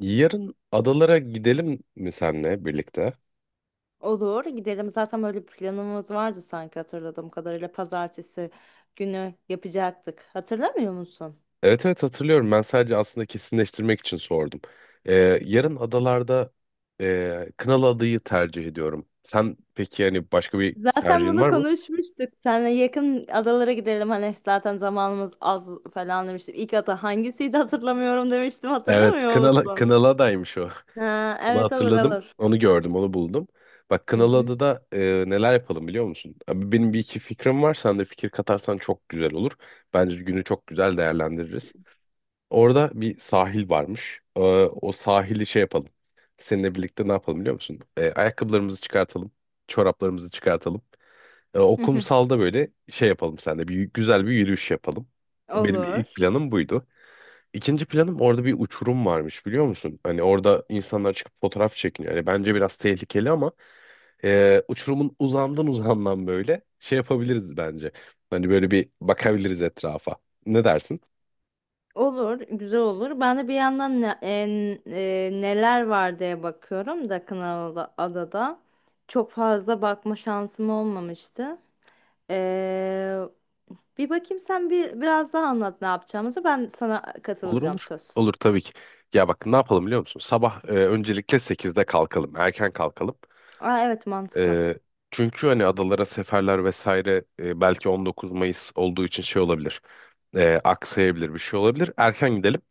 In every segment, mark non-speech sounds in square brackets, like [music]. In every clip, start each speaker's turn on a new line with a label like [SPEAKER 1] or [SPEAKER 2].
[SPEAKER 1] Yarın adalara gidelim mi senle birlikte?
[SPEAKER 2] Olur, gidelim. Zaten böyle bir planımız vardı sanki hatırladığım kadarıyla. Pazartesi günü yapacaktık. Hatırlamıyor musun?
[SPEAKER 1] Evet, evet, hatırlıyorum. Ben sadece aslında kesinleştirmek için sordum. Ee, yarın adalarda Kınalı adayı tercih ediyorum. Sen peki yani başka bir
[SPEAKER 2] Zaten
[SPEAKER 1] tercihin
[SPEAKER 2] bunu
[SPEAKER 1] var mı?
[SPEAKER 2] konuşmuştuk. Seninle yakın adalara gidelim. Hani zaten zamanımız az falan demiştim. İlk ada hangisiydi hatırlamıyorum demiştim.
[SPEAKER 1] Evet,
[SPEAKER 2] Hatırlamıyor
[SPEAKER 1] Kınalı,
[SPEAKER 2] musun?
[SPEAKER 1] Kınalı adaymış o.
[SPEAKER 2] Ha,
[SPEAKER 1] [laughs] Onu
[SPEAKER 2] evet, olur
[SPEAKER 1] hatırladım.
[SPEAKER 2] olur.
[SPEAKER 1] Onu gördüm, onu buldum. Bak
[SPEAKER 2] Hı
[SPEAKER 1] Kınalı
[SPEAKER 2] hı.
[SPEAKER 1] adada neler yapalım biliyor musun? Abi, benim bir iki fikrim var. Sen de fikir katarsan çok güzel olur. Bence günü çok güzel değerlendiririz. Orada bir sahil varmış. O sahili şey yapalım. Seninle birlikte ne yapalım biliyor musun? Ayakkabılarımızı çıkartalım. Çoraplarımızı çıkartalım. O
[SPEAKER 2] Hı hı.
[SPEAKER 1] kumsalda böyle şey yapalım seninle. Bir, güzel bir yürüyüş yapalım. Benim
[SPEAKER 2] Olur.
[SPEAKER 1] ilk planım buydu. İkinci planım orada bir uçurum varmış biliyor musun? Hani orada insanlar çıkıp fotoğraf çekiniyor. Yani bence biraz tehlikeli ama uçurumun uzağından uzağından böyle şey yapabiliriz bence. Hani böyle bir bakabiliriz etrafa. Ne dersin?
[SPEAKER 2] Olur, güzel olur. Ben de bir yandan neler var diye bakıyorum da adada çok fazla bakma şansım olmamıştı. Ee, bir bakayım, sen bir biraz daha anlat ne yapacağımızı. Ben sana
[SPEAKER 1] Olur,
[SPEAKER 2] katılacağım,
[SPEAKER 1] olur.
[SPEAKER 2] söz.
[SPEAKER 1] Olur tabii ki. Ya bak ne yapalım biliyor musun? Sabah öncelikle 8'de kalkalım. Erken kalkalım.
[SPEAKER 2] Aa, evet, mantıklı.
[SPEAKER 1] E, Çünkü hani adalara seferler vesaire belki 19 Mayıs olduğu için şey olabilir. Aksayabilir bir şey olabilir. Erken gidelim.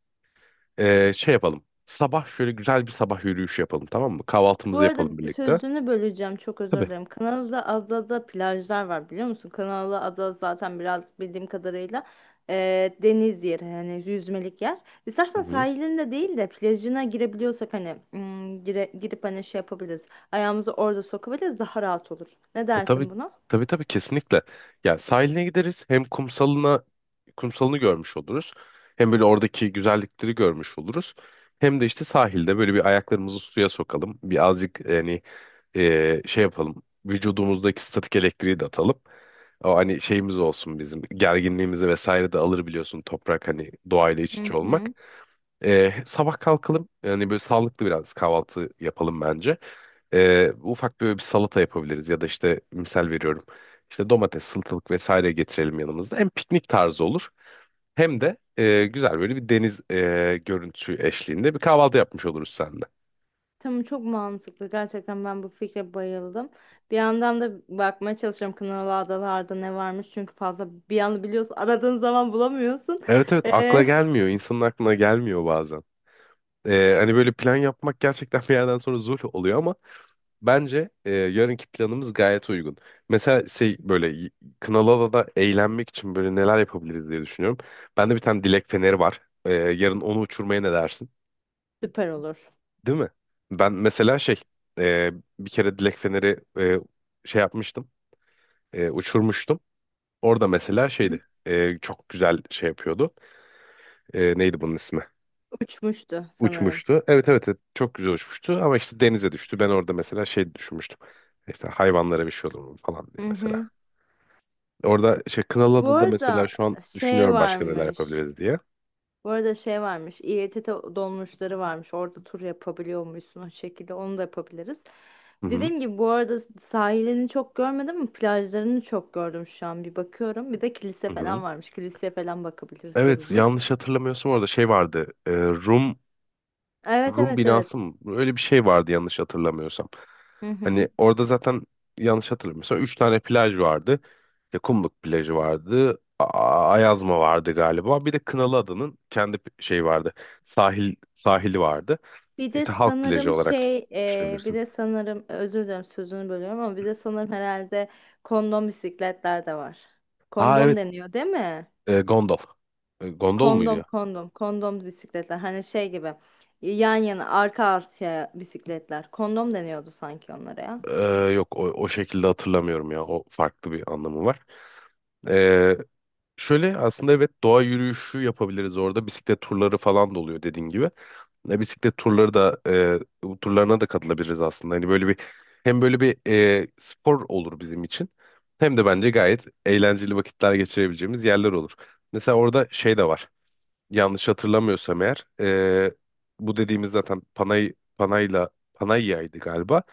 [SPEAKER 1] Şey yapalım. Sabah şöyle güzel bir sabah yürüyüşü yapalım, tamam mı?
[SPEAKER 2] Bu
[SPEAKER 1] Kahvaltımızı yapalım
[SPEAKER 2] arada
[SPEAKER 1] birlikte.
[SPEAKER 2] sözünü böleceğim, çok özür
[SPEAKER 1] Tabii.
[SPEAKER 2] dilerim. Kanalı'da adada plajlar var biliyor musun? Kanalı ada zaten biraz bildiğim kadarıyla deniz yeri, yani yüzmelik yer.
[SPEAKER 1] Hı
[SPEAKER 2] İstersen
[SPEAKER 1] hı.
[SPEAKER 2] sahilinde değil de plajına girebiliyorsak hani girip hani şey yapabiliriz. Ayağımızı orada sokabiliriz, daha rahat olur. Ne dersin
[SPEAKER 1] Tabii,
[SPEAKER 2] buna?
[SPEAKER 1] tabii, tabii, kesinlikle. Ya sahiline gideriz, hem kumsalını görmüş oluruz. Hem böyle oradaki güzellikleri görmüş oluruz. Hem de işte sahilde böyle bir ayaklarımızı suya sokalım. Bir azıcık yani şey yapalım. Vücudumuzdaki statik elektriği de atalım. O hani şeyimiz olsun, bizim gerginliğimizi vesaire de alır, biliyorsun, toprak hani doğayla iç
[SPEAKER 2] Hı
[SPEAKER 1] içe olmak.
[SPEAKER 2] hı.
[SPEAKER 1] Sabah kalkalım. Yani böyle sağlıklı biraz kahvaltı yapalım bence. Ufak böyle bir salata yapabiliriz, ya da işte misal veriyorum. İşte domates, salatalık vesaire getirelim yanımızda. Hem piknik tarzı olur, hem de güzel böyle bir deniz görüntüsü eşliğinde bir kahvaltı yapmış oluruz seninle.
[SPEAKER 2] Tamam, çok mantıklı. Gerçekten ben bu fikre bayıldım. Bir yandan da bakmaya çalışıyorum, Kınalı Adalar'da ne varmış. Çünkü fazla bir anda biliyorsun, aradığın zaman bulamıyorsun.
[SPEAKER 1] Evet, evet, akla
[SPEAKER 2] Ee,
[SPEAKER 1] gelmiyor. İnsanın aklına gelmiyor bazen. Hani böyle plan yapmak gerçekten [laughs] bir yerden sonra zul oluyor, ama bence yarınki planımız gayet uygun. Mesela şey böyle Kınalıada'da eğlenmek için böyle neler yapabiliriz diye düşünüyorum. Bende bir tane dilek feneri var. Yarın onu uçurmaya ne dersin?
[SPEAKER 2] süper olur.
[SPEAKER 1] Değil mi? Ben mesela şey e, bir kere dilek feneri şey yapmıştım. Uçurmuştum. Orada mesela
[SPEAKER 2] Hı?
[SPEAKER 1] şeydi. Çok güzel şey yapıyordu. Neydi bunun ismi?
[SPEAKER 2] Uçmuştu sanırım.
[SPEAKER 1] Uçmuştu. Evet, evet, evet, çok güzel uçmuştu ama işte denize düştü. Ben orada mesela şey düşünmüştüm. İşte hayvanlara bir şey olur mu falan diye
[SPEAKER 2] Hı
[SPEAKER 1] mesela.
[SPEAKER 2] hı.
[SPEAKER 1] Orada şey
[SPEAKER 2] Bu
[SPEAKER 1] Kınalıada da mesela
[SPEAKER 2] arada
[SPEAKER 1] şu an
[SPEAKER 2] şey
[SPEAKER 1] düşünüyorum başka neler
[SPEAKER 2] varmış.
[SPEAKER 1] yapabiliriz diye.
[SPEAKER 2] Bu arada şey varmış, İETT dolmuşları varmış. Orada tur yapabiliyormuşsun o şekilde. Onu da yapabiliriz.
[SPEAKER 1] Hı hı.
[SPEAKER 2] Dediğim gibi bu arada sahilini çok görmedim ama plajlarını çok gördüm şu an. Bir bakıyorum. Bir de kilise
[SPEAKER 1] Hı
[SPEAKER 2] falan
[SPEAKER 1] hı.
[SPEAKER 2] varmış. Kiliseye falan bakabiliriz,
[SPEAKER 1] Evet,
[SPEAKER 2] görürüz.
[SPEAKER 1] yanlış hatırlamıyorsam orada şey vardı. e, Rum
[SPEAKER 2] Evet,
[SPEAKER 1] Rum
[SPEAKER 2] evet,
[SPEAKER 1] binası
[SPEAKER 2] evet.
[SPEAKER 1] mı? Öyle bir şey vardı yanlış hatırlamıyorsam.
[SPEAKER 2] Hı hı.
[SPEAKER 1] Hani orada zaten yanlış hatırlamıyorsam üç tane plaj vardı. İşte Kumluk plajı vardı. Ayazma vardı galiba. Bir de Kınalıada'nın kendi şey vardı. Sahili vardı.
[SPEAKER 2] Bir de
[SPEAKER 1] İşte halk plajı
[SPEAKER 2] sanırım
[SPEAKER 1] olarak
[SPEAKER 2] şey, bir
[SPEAKER 1] düşünebilirsin.
[SPEAKER 2] de sanırım özür dilerim sözünü bölüyorum ama bir de sanırım herhalde kondom bisikletler de var.
[SPEAKER 1] Ha,
[SPEAKER 2] Kondom
[SPEAKER 1] evet,
[SPEAKER 2] deniyor, değil mi?
[SPEAKER 1] gondol. Gondol
[SPEAKER 2] Kondom
[SPEAKER 1] muydu?
[SPEAKER 2] kondom kondom bisikletler, hani şey gibi, yan yana arka arkaya bisikletler, kondom deniyordu sanki onlara ya.
[SPEAKER 1] Ee, Yok, o şekilde hatırlamıyorum ya. O farklı bir anlamı var. Ee, şöyle aslında, evet, doğa yürüyüşü yapabiliriz orada. Bisiklet turları falan da oluyor dediğin gibi. Ne bisiklet turları da bu turlarına da katılabiliriz aslında. Hani böyle bir hem böyle bir spor olur bizim için. Hem de bence gayet eğlenceli vakitler geçirebileceğimiz yerler olur. Mesela orada şey de var yanlış hatırlamıyorsam eğer bu dediğimiz zaten Panayya'ydı galiba.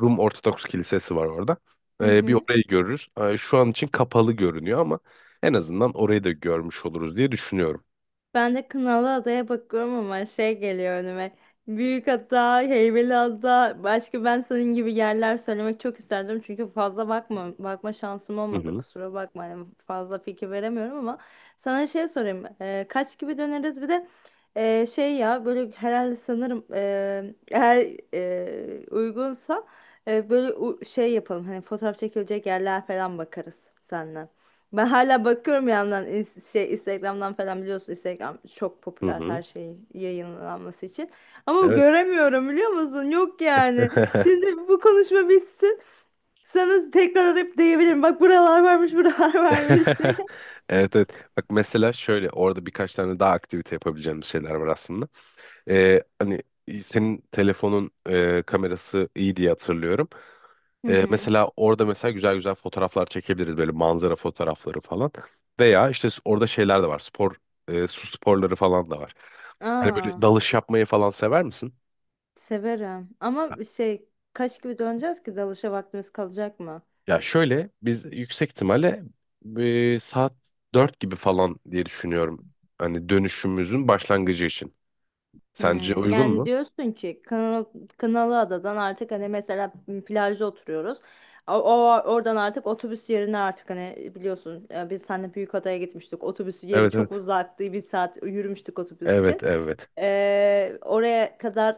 [SPEAKER 1] Rum Ortodoks Kilisesi var orada.
[SPEAKER 2] Hı
[SPEAKER 1] Bir
[SPEAKER 2] hı.
[SPEAKER 1] orayı görürüz. Şu an için kapalı görünüyor ama en azından orayı da görmüş oluruz diye düşünüyorum.
[SPEAKER 2] Ben de Kınalıada'ya bakıyorum ama şey geliyor önüme. Büyükada, Heybeliada, başka ben senin gibi yerler söylemek çok isterdim. Çünkü fazla bakma, bakma şansım
[SPEAKER 1] Hı
[SPEAKER 2] olmadı.
[SPEAKER 1] hı.
[SPEAKER 2] Kusura bakma. Hani fazla fikir veremiyorum ama sana şey sorayım. Kaç gibi döneriz? Bir de şey ya, böyle herhalde sanırım eğer uygunsa böyle şey yapalım. Hani fotoğraf çekilecek yerler falan bakarız seninle. Ben hala bakıyorum bir yandan, şey, Instagram'dan falan, biliyorsun, Instagram çok
[SPEAKER 1] Hı
[SPEAKER 2] popüler her
[SPEAKER 1] hı.
[SPEAKER 2] şey yayınlanması için. Ama
[SPEAKER 1] Evet.
[SPEAKER 2] göremiyorum biliyor musun? Yok yani.
[SPEAKER 1] [laughs]
[SPEAKER 2] Şimdi bu konuşma bitsin. Sana tekrar arayıp diyebilirim. Bak, buralar varmış, [laughs] buralar varmış diye.
[SPEAKER 1] Evet, evet. Bak mesela şöyle orada birkaç tane daha aktivite yapabileceğimiz şeyler var aslında. Hani senin telefonun kamerası iyi diye hatırlıyorum.
[SPEAKER 2] Hı hı.
[SPEAKER 1] Mesela orada mesela güzel güzel fotoğraflar çekebiliriz, böyle manzara fotoğrafları falan. Veya işte orada şeyler de var. Spor, su sporları falan da var. Hani
[SPEAKER 2] Aa,
[SPEAKER 1] böyle dalış yapmayı falan sever misin?
[SPEAKER 2] severim. Ama şey, kaç gibi döneceğiz ki dalışa vaktimiz kalacak mı?
[SPEAKER 1] Ya şöyle biz yüksek ihtimalle saat 4 gibi falan diye düşünüyorum. Hani dönüşümüzün başlangıcı için. Sence uygun
[SPEAKER 2] Yani
[SPEAKER 1] mu?
[SPEAKER 2] diyorsun ki Kınalı, Kınalı Adadan artık hani mesela plajda oturuyoruz. Oradan artık otobüs yerine, artık hani biliyorsun biz seninle Büyükada'ya gitmiştik. Otobüs yeri
[SPEAKER 1] Evet,
[SPEAKER 2] çok
[SPEAKER 1] evet.
[SPEAKER 2] uzaktı. Bir saat yürümüştük otobüs
[SPEAKER 1] Evet,
[SPEAKER 2] için.
[SPEAKER 1] evet.
[SPEAKER 2] Oraya kadar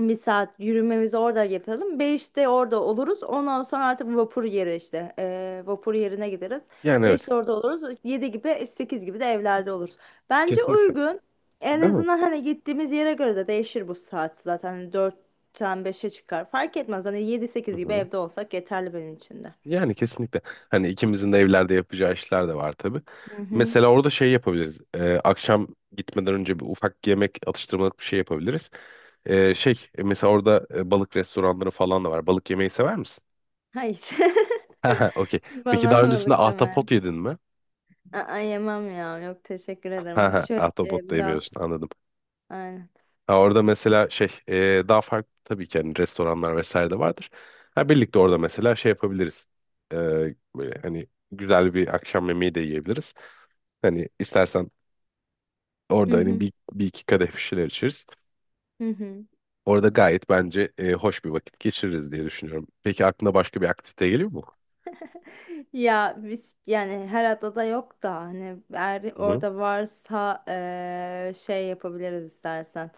[SPEAKER 2] bir saat yürümemizi orada yapalım. 5'te orada oluruz. Ondan sonra artık vapur yeri işte. Vapur yerine gideriz.
[SPEAKER 1] Yani evet.
[SPEAKER 2] 5'te orada oluruz. Yedi gibi, 8 gibi de evlerde oluruz. Bence
[SPEAKER 1] Kesinlikle.
[SPEAKER 2] uygun. En
[SPEAKER 1] Değil mi?
[SPEAKER 2] azından hani gittiğimiz yere göre de değişir bu saat zaten. Hani 4'ten 5'e çıkar. Fark etmez. Hani yedi
[SPEAKER 1] Hı
[SPEAKER 2] sekiz gibi
[SPEAKER 1] hı.
[SPEAKER 2] evde olsak yeterli benim için de.
[SPEAKER 1] Yani kesinlikle. Hani ikimizin de evlerde yapacağı işler de var tabii.
[SPEAKER 2] Hı hı.
[SPEAKER 1] Mesela orada şey yapabiliriz. Akşam gitmeden önce bir ufak yemek, atıştırmalık bir şey yapabiliriz. Mesela orada balık restoranları falan da var. Balık yemeyi sever misin? [laughs]
[SPEAKER 2] Hayır.
[SPEAKER 1] Ha ha, okey.
[SPEAKER 2] [laughs]
[SPEAKER 1] Peki
[SPEAKER 2] Bana
[SPEAKER 1] daha öncesinde
[SPEAKER 2] havalık deme.
[SPEAKER 1] ahtapot yedin mi?
[SPEAKER 2] Aa, yemem ya. Yok, teşekkür
[SPEAKER 1] Ha
[SPEAKER 2] ederim. Hiç
[SPEAKER 1] ha,
[SPEAKER 2] şöyle
[SPEAKER 1] ahtapot da
[SPEAKER 2] biraz.
[SPEAKER 1] yemiyorsun, anladım.
[SPEAKER 2] Aynen.
[SPEAKER 1] Ha, orada mesela şey, daha farklı tabii ki, hani restoranlar vesaire de vardır. Ha, birlikte orada mesela şey yapabiliriz. Ee, böyle hani güzel bir akşam yemeği de yiyebiliriz. Hani istersen
[SPEAKER 2] Hı
[SPEAKER 1] orada hani
[SPEAKER 2] hı.
[SPEAKER 1] bir iki kadeh bir şeyler içeriz.
[SPEAKER 2] Hı hı.
[SPEAKER 1] Orada gayet bence hoş bir vakit geçiririz diye düşünüyorum. Peki aklına başka bir aktivite geliyor mu?
[SPEAKER 2] Ya biz yani her adada yok da hani eğer
[SPEAKER 1] Hı hı.
[SPEAKER 2] orada varsa şey yapabiliriz istersen.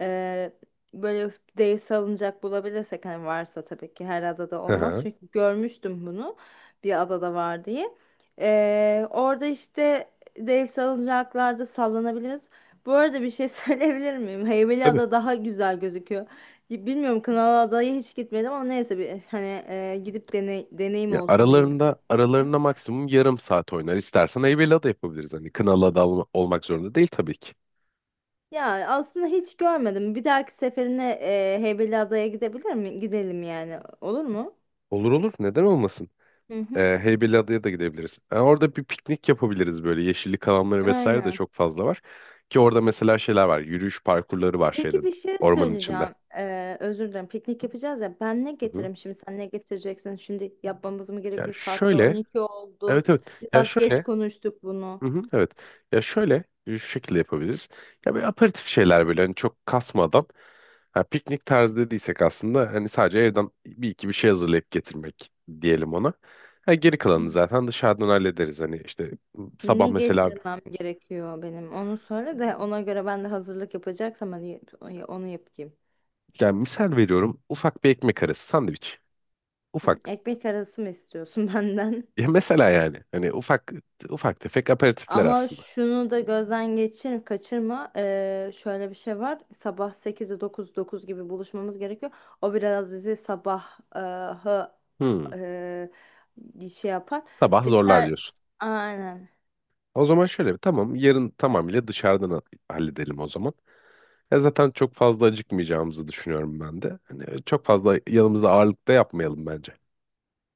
[SPEAKER 2] Eee, böyle dev salıncak bulabilirsek, hani varsa, tabii ki her adada
[SPEAKER 1] Hı
[SPEAKER 2] olmaz.
[SPEAKER 1] hı.
[SPEAKER 2] Çünkü görmüştüm bunu, bir adada var diye. Orada işte dev salıncaklarda sallanabiliriz. Bu arada bir şey [laughs] söyleyebilir miyim?
[SPEAKER 1] Tabii.
[SPEAKER 2] Heybeliada daha güzel gözüküyor. Bilmiyorum, Kınalıada'ya hiç gitmedim ama neyse, bir hani gidip deneyim
[SPEAKER 1] Ya
[SPEAKER 2] olsun benim,
[SPEAKER 1] aralarında aralarında maksimum yarım saat oynar. İstersen Heybeliada da yapabiliriz. Hani Kınalıada da olmak zorunda değil tabii ki.
[SPEAKER 2] ya aslında hiç görmedim. Bir dahaki seferine Heybeli Adaya gidebilir mi? Gidelim yani. Olur mu?
[SPEAKER 1] Olur, olur. Neden olmasın?
[SPEAKER 2] Hı hı.
[SPEAKER 1] Heybeliada'ya da gidebiliriz. Yani orada bir piknik yapabiliriz böyle. Yeşillik alanları vesaire de
[SPEAKER 2] Aynen.
[SPEAKER 1] çok fazla var. Ki orada mesela şeyler var. Yürüyüş parkurları var, şeyde,
[SPEAKER 2] Peki bir şey
[SPEAKER 1] ormanın içinde.
[SPEAKER 2] söyleyeceğim. Özür dilerim. Piknik yapacağız ya. Ben ne
[SPEAKER 1] Hı hı.
[SPEAKER 2] getireyim şimdi? Sen ne getireceksin? Şimdi yapmamız mı
[SPEAKER 1] Ya
[SPEAKER 2] gerekiyor? Hatta
[SPEAKER 1] şöyle.
[SPEAKER 2] 12 oldu.
[SPEAKER 1] Evet, evet. Ya
[SPEAKER 2] Biraz geç
[SPEAKER 1] şöyle.
[SPEAKER 2] konuştuk bunu.
[SPEAKER 1] Hı hı, evet. Ya şöyle şu şekilde yapabiliriz. Ya böyle aperatif şeyler, böyle hani çok kasmadan, ha, piknik tarzı dediysek aslında hani sadece evden bir iki bir şey hazırlayıp getirmek diyelim ona. Ha, geri kalanını
[SPEAKER 2] Hmm.
[SPEAKER 1] zaten dışarıdan hallederiz. Hani işte sabah
[SPEAKER 2] Ne
[SPEAKER 1] mesela
[SPEAKER 2] getirmem gerekiyor benim? Onu söyle de ona göre ben de hazırlık yapacaksam hani onu yapayım.
[SPEAKER 1] yani misal veriyorum ufak bir ekmek arası sandviç.
[SPEAKER 2] Hı,
[SPEAKER 1] Ufak.
[SPEAKER 2] ekmek arası mı istiyorsun [laughs] benden?
[SPEAKER 1] Ya mesela yani hani ufak ufak tefek aperatifler
[SPEAKER 2] Ama
[SPEAKER 1] aslında.
[SPEAKER 2] şunu da gözden geçir, kaçırma. Şöyle bir şey var. Sabah 8'de dokuz gibi buluşmamız gerekiyor. O biraz bizi sabah hı,
[SPEAKER 1] Hmm,
[SPEAKER 2] şey yapar.
[SPEAKER 1] sabah zorlar
[SPEAKER 2] İster
[SPEAKER 1] diyorsun.
[SPEAKER 2] aynen.
[SPEAKER 1] O zaman şöyle bir tamam, yarın tamamıyla dışarıdan halledelim o zaman. Ya zaten çok fazla acıkmayacağımızı düşünüyorum ben de. Hani çok fazla yanımızda ağırlık da yapmayalım bence.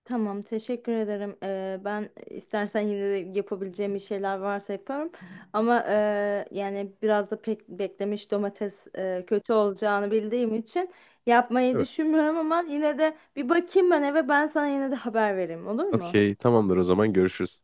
[SPEAKER 2] Tamam, teşekkür ederim. Ben istersen yine de yapabileceğim bir şeyler varsa yaparım. Ama yani biraz da pek beklemiş domates kötü olacağını bildiğim için yapmayı
[SPEAKER 1] Değil mi?
[SPEAKER 2] düşünmüyorum ama yine de bir bakayım ben eve, ben sana yine de haber vereyim, olur mu?
[SPEAKER 1] Okey, tamamdır, o zaman görüşürüz.